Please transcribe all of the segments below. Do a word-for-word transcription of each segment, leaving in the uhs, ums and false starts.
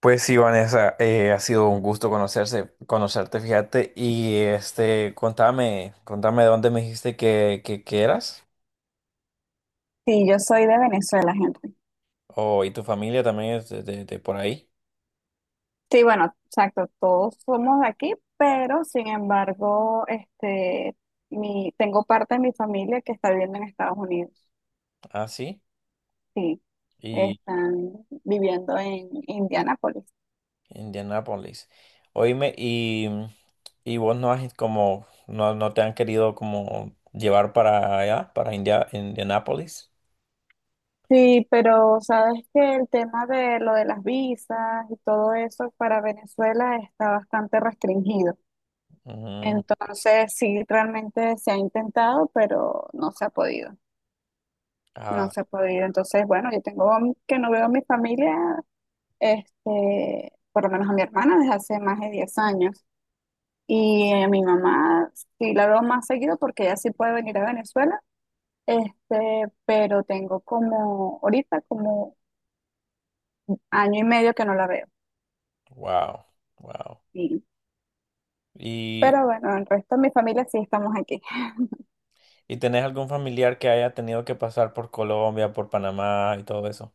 Pues sí, Vanessa, eh, ha sido un gusto conocerse, conocerte, fíjate. Y este, contame, contame de dónde me dijiste que, que, que eras. Sí, yo soy de Venezuela, gente. Oh, y tu familia también es de, de- de por ahí. Sí, bueno, exacto, todos somos de aquí, pero sin embargo, este, mi, tengo parte de mi familia que está viviendo en Estados Unidos. Ah, sí. Sí, Y están viviendo en Indianápolis. Indianápolis. Oíme, y, y vos no has como, no, no te han querido como llevar para allá, para India, Indianápolis. Sí, pero sabes que el tema de lo de las visas y todo eso para Venezuela está bastante restringido. Ujú. Entonces, sí, realmente se ha intentado, pero no se ha podido. No Ah, se ha podido. Entonces, bueno, yo tengo que no veo a mi familia, este, por lo menos a mi hermana desde hace más de diez años. Y a mi mamá sí la veo más seguido porque ella sí puede venir a Venezuela. Este, pero tengo como, ahorita como año y medio que no la veo. wow, wow. Y- pero bueno, el resto de mi familia sí estamos aquí. ¿Y tenés algún familiar que haya tenido que pasar por Colombia, por Panamá y todo eso?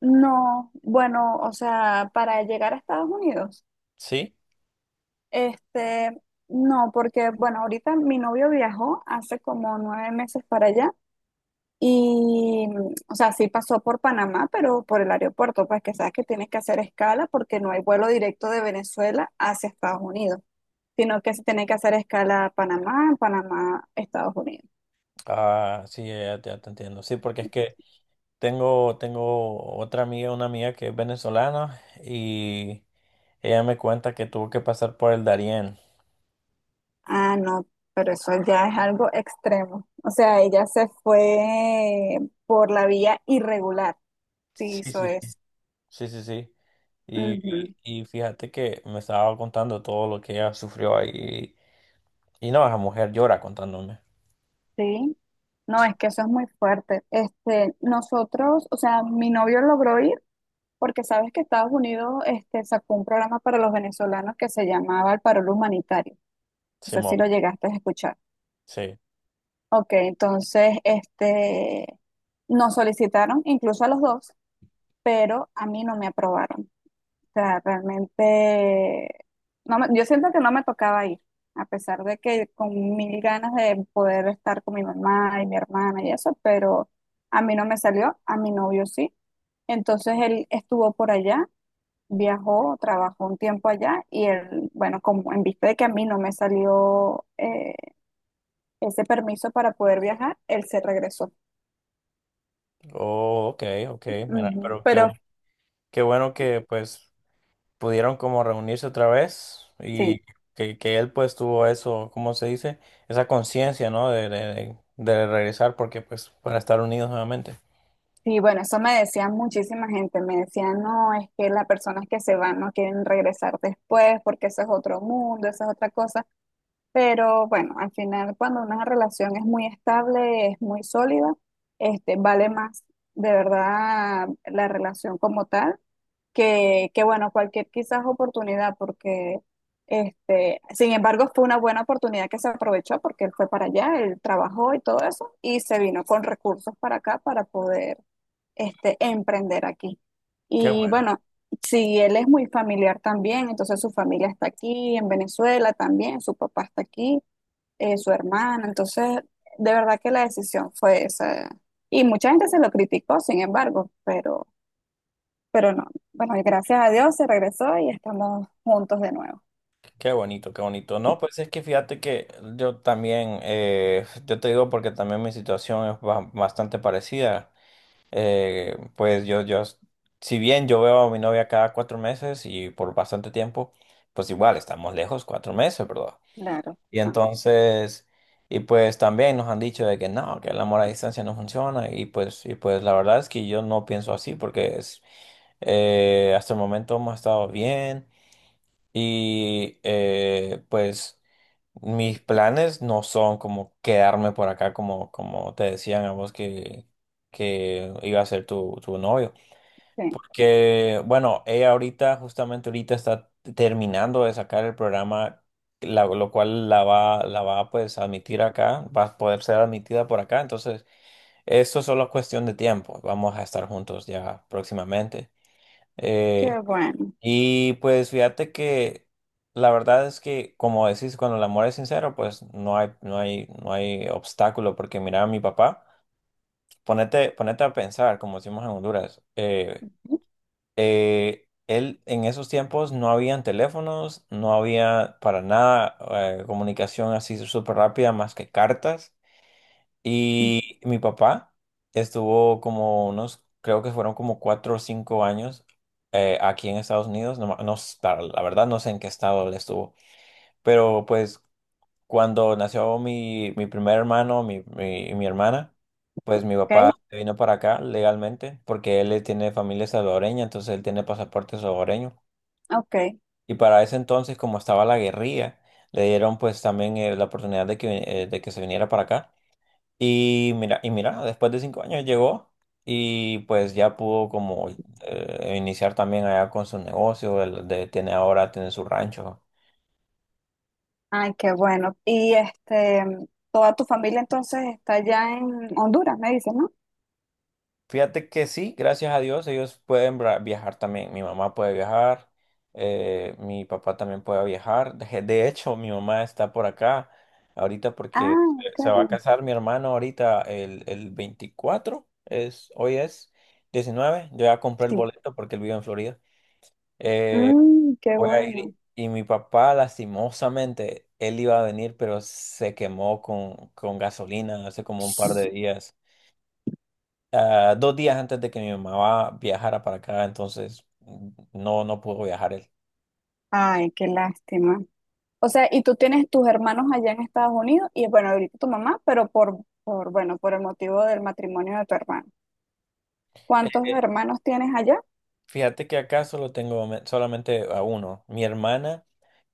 No, bueno, o sea, para llegar a Estados Unidos, Sí. este, no, porque bueno, ahorita mi novio viajó hace como nueve meses para allá. Y, o sea, sí pasó por Panamá, pero por el aeropuerto, pues que sabes que tienes que hacer escala porque no hay vuelo directo de Venezuela hacia Estados Unidos, sino que se tiene que hacer escala a Panamá, Panamá, Estados Unidos. Ah, sí, ya, ya te entiendo. Sí, porque es que tengo, tengo otra amiga, una amiga que es venezolana y ella me cuenta que tuvo que pasar por el Darién. Ah, no, pero eso ya es algo extremo. O sea, ella se fue por la vía irregular, sí Sí, hizo sí, sí. eso. Sí, sí, sí. Y, Ujú, y fíjate que me estaba contando todo lo que ella sufrió ahí. Y no, esa mujer llora contándome. sí. No, Sí, es que eso es muy fuerte. Este, nosotros, o sea, mi novio logró ir porque sabes que Estados Unidos este, sacó un programa para los venezolanos que se llamaba el Parol Humanitario. No sé si Simón, lo llegaste a escuchar. sí. Ok, entonces este, nos solicitaron, incluso a los dos, pero a mí no me aprobaron. O sea, realmente, no me- yo siento que no me tocaba ir, a pesar de que con mil ganas de poder estar con mi mamá y mi hermana y eso, pero a mí no me salió, a mi novio sí. Entonces él estuvo por allá, viajó, trabajó un tiempo allá y él, bueno, como en vista de que a mí no me salió eh, ese permiso para poder viajar, él se regresó. Oh, ok, ok. Mira, Ujú. pero qué, bu- Pero qué bueno que pues pudieron como reunirse otra vez y sí, que, que él pues tuvo eso, ¿cómo se dice? Esa conciencia, ¿no? De, de, de regresar porque pues para estar unidos nuevamente. sí, bueno, eso me decía muchísima gente, me decían, no, es que las personas que se van no quieren regresar después porque eso es otro mundo, eso es otra cosa. Pero bueno, al final cuando una relación es muy estable, es muy sólida, este, vale más de verdad la relación como tal que, que bueno, cualquier quizás oportunidad, porque este, sin embargo fue una buena oportunidad que se aprovechó porque él fue para allá, él trabajó y todo eso, y se vino con recursos para acá para poder este, emprender aquí. Qué Y bueno, bueno, si él es muy familiar también, entonces su familia está aquí en Venezuela también, su papá está aquí, eh, su hermana, entonces de verdad que la decisión fue esa. Y mucha gente se lo criticó, sin embargo, pero... Pero no, bueno, y gracias a Dios se regresó y estamos juntos de nuevo. qué bonito, qué bonito. No, pues es que fíjate que yo también, eh, yo te digo porque también mi situación es ba- bastante parecida. Eh, pues yo, yo, si bien yo veo a mi novia cada cuatro meses y por bastante tiempo, pues igual estamos lejos cuatro meses, ¿verdad? Claro, Y ah, entonces, y pues también nos han dicho de que no, que el amor a distancia no funciona. Y pues, y pues la verdad es que yo no pienso así porque es, eh, hasta el momento hemos estado bien. Y eh, pues mis planes no son como quedarme por acá como, como te decían a vos que, que iba a ser tu, tu novio. sí, Porque, bueno, ella ahorita, justamente ahorita está terminando de sacar el programa, la- lo cual la va, la va pues a admitir acá, va a poder ser admitida por acá. Entonces, esto solo es solo cuestión de tiempo. Vamos a estar juntos ya próximamente. qué Eh, bueno. y pues fíjate que la verdad es que, como decís, cuando el amor es sincero, pues no hay, no hay, no hay obstáculo. Porque mira, a mi papá, ponete, ponete a pensar, como decimos en Honduras. Eh, Ujú. eh, él en esos tiempos no habían teléfonos, no había para nada eh, comunicación así súper rápida más que cartas. Y mi papá estuvo como unos, creo que fueron como cuatro o cinco años eh, aquí en Estados Unidos. No, ma- no s- la la verdad no sé en qué estado él estuvo, pero pues cuando nació mi, mi primer hermano, mi, mi, mi hermana, pues mi papá Ok, se vino para acá legalmente porque él eh, tiene familia salvadoreña, entonces él tiene pasaporte salvadoreño. ok. Y para ese entonces, como estaba la guerrilla, le dieron pues también eh, la oportunidad de que, vi- eh, de que se viniera para acá. Y mira, y mira, después de cinco años llegó y pues ya pudo como eh, iniciar también allá con su negocio, el de, tiene ahora, tiene su rancho. Ay, qué bueno. Y este, mm, toda tu familia entonces está allá en Honduras, me dicen, ¿no? Fíjate que sí, gracias a Dios, ellos pueden bra- viajar también. Mi mamá puede viajar, eh, mi papá también puede viajar. De, de hecho, mi mamá está por acá ahorita porque Ah, se se va a ok. casar mi hermano ahorita el, el veinticuatro es, hoy es diecinueve. Yo ya compré el Sí. boleto porque él vive en Florida. Eh, Mm, qué Voy a ir bueno. y mi papá, lastimosamente, él iba a venir, pero se quemó con, con gasolina hace como un par de días ah, dos días antes de que mi mamá va- viajara para acá, entonces mm, no, no pudo viajar él. Ay, qué lástima. O sea, y tú tienes tus hermanos allá en Estados Unidos y bueno, ahorita tu mamá, pero por, por, bueno, por el motivo del matrimonio de tu hermano. Eh, ¿Cuántos eh, hermanos tienes allá? Fíjate que acá solo tengo me- solamente a uno. Mi hermana,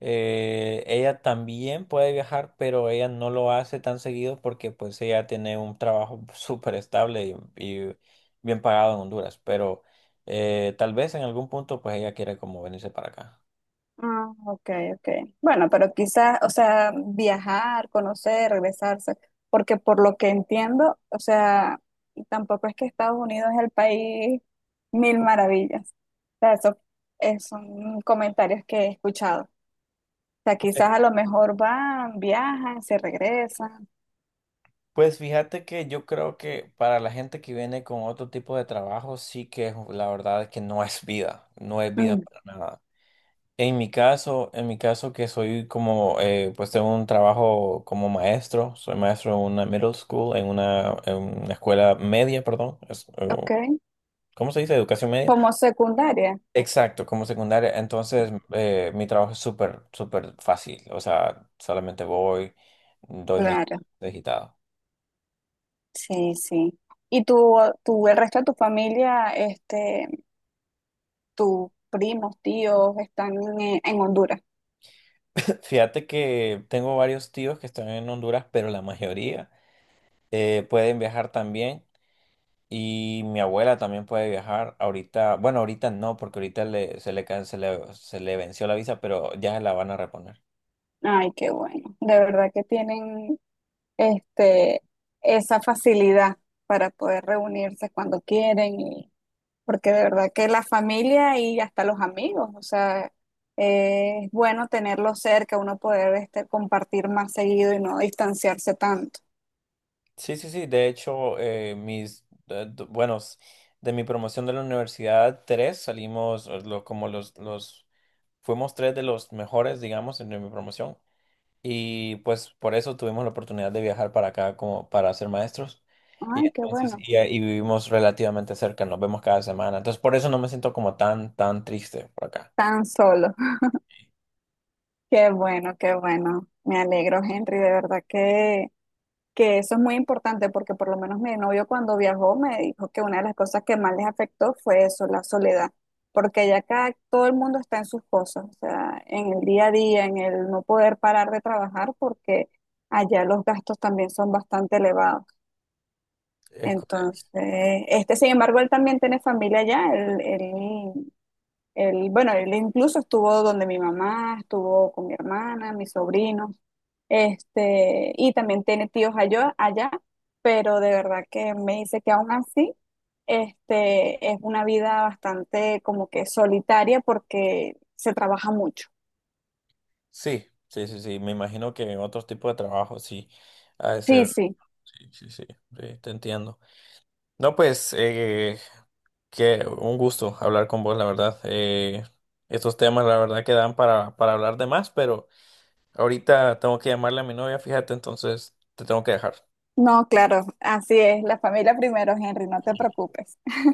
eh, ella también puede viajar, pero ella no lo hace tan seguido porque pues ella tiene un trabajo súper estable y, y bien pagado en Honduras, pero eh, tal vez en algún punto pues ella quiere como venirse para acá. Ah, ok, ok. Bueno, pero quizás, o sea, viajar, conocer, regresarse, porque por lo que entiendo, o sea, tampoco es que Estados Unidos es el país mil maravillas. O sea, eso es- son comentarios que he escuchado. O sea, Pues, quizás a lo mejor van, viajan, se regresan. Pues fíjate que yo creo que para la gente que viene con otro tipo de trabajo, sí que es- la verdad es que no es vida, no es vida Mm, para nada. En mi caso, en mi caso que soy como, eh, pues tengo un trabajo como maestro, soy maestro en una middle school, en una, en una escuela media, perdón, es, eh, ok. ¿cómo se dice? Educación media. Como secundaria. Exacto, como secundaria. Entonces, eh, mi trabajo es súper, súper fácil, o sea, solamente voy, doy mi Claro, digitado. sí, sí. ¿Y tú, tu el resto de tu familia, este, tus primos, tíos están en, en Honduras. Fíjate que tengo varios tíos que están en Honduras, pero la mayoría eh, pueden viajar también. Y mi abuela también puede viajar. Ahorita, bueno, ahorita no, porque ahorita le- se le, can- se le, se le venció la visa, pero ya la van a reponer. Ay, qué bueno. De verdad que tienen este, esa facilidad para poder reunirse cuando quieren, y- porque de verdad que la familia y hasta los amigos, o sea, eh, es bueno tenerlos cerca, uno poder este, compartir más seguido y no distanciarse tanto. Sí, sí, sí. De hecho, eh, mis, eh, d- bueno, s- de mi promoción de la universidad, tres salimos, eh, lo- como los, los, fuimos tres de los mejores, digamos, en mi promoción. Y pues por eso tuvimos la oportunidad de viajar para acá como para ser maestros. Y Ay, qué entonces, bueno. y, y vivimos relativamente cerca, nos vemos cada semana. Entonces, por eso no me siento como tan, tan triste por acá. Tan solo. Qué bueno, qué bueno. Me alegro, Henry, de verdad que que eso es muy importante porque por lo menos mi novio cuando viajó me dijo que una de las cosas que más les afectó fue eso, la soledad, porque ya acá todo el mundo está en sus cosas, o sea, en el día a día, en el no poder parar de trabajar porque allá los gastos también son bastante elevados. Es co- Entonces, este, sin embargo, él también tiene familia allá, él, él él, bueno, él incluso estuvo donde mi mamá, estuvo con mi hermana, mis sobrinos, este, y también tiene tíos allá, allá, pero de verdad que me dice que aún así, este, es una vida bastante como que solitaria porque se trabaja mucho. sí, sí, sí, sí. Me imagino que en otros tipos de trabajo sí ha de Sí, ser. sí. Sí, sí, sí, sí, te entiendo. No, pues, eh, que un gusto hablar con vos, la verdad. Eh, estos temas, la verdad, que dan para, para hablar de más, pero ahorita tengo que llamarle a mi novia, fíjate, entonces te tengo que dejar. No, claro, así es, la familia primero, Henry, no te preocupes.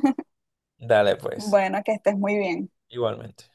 Dale, pues, Bueno, que estés muy bien. igualmente.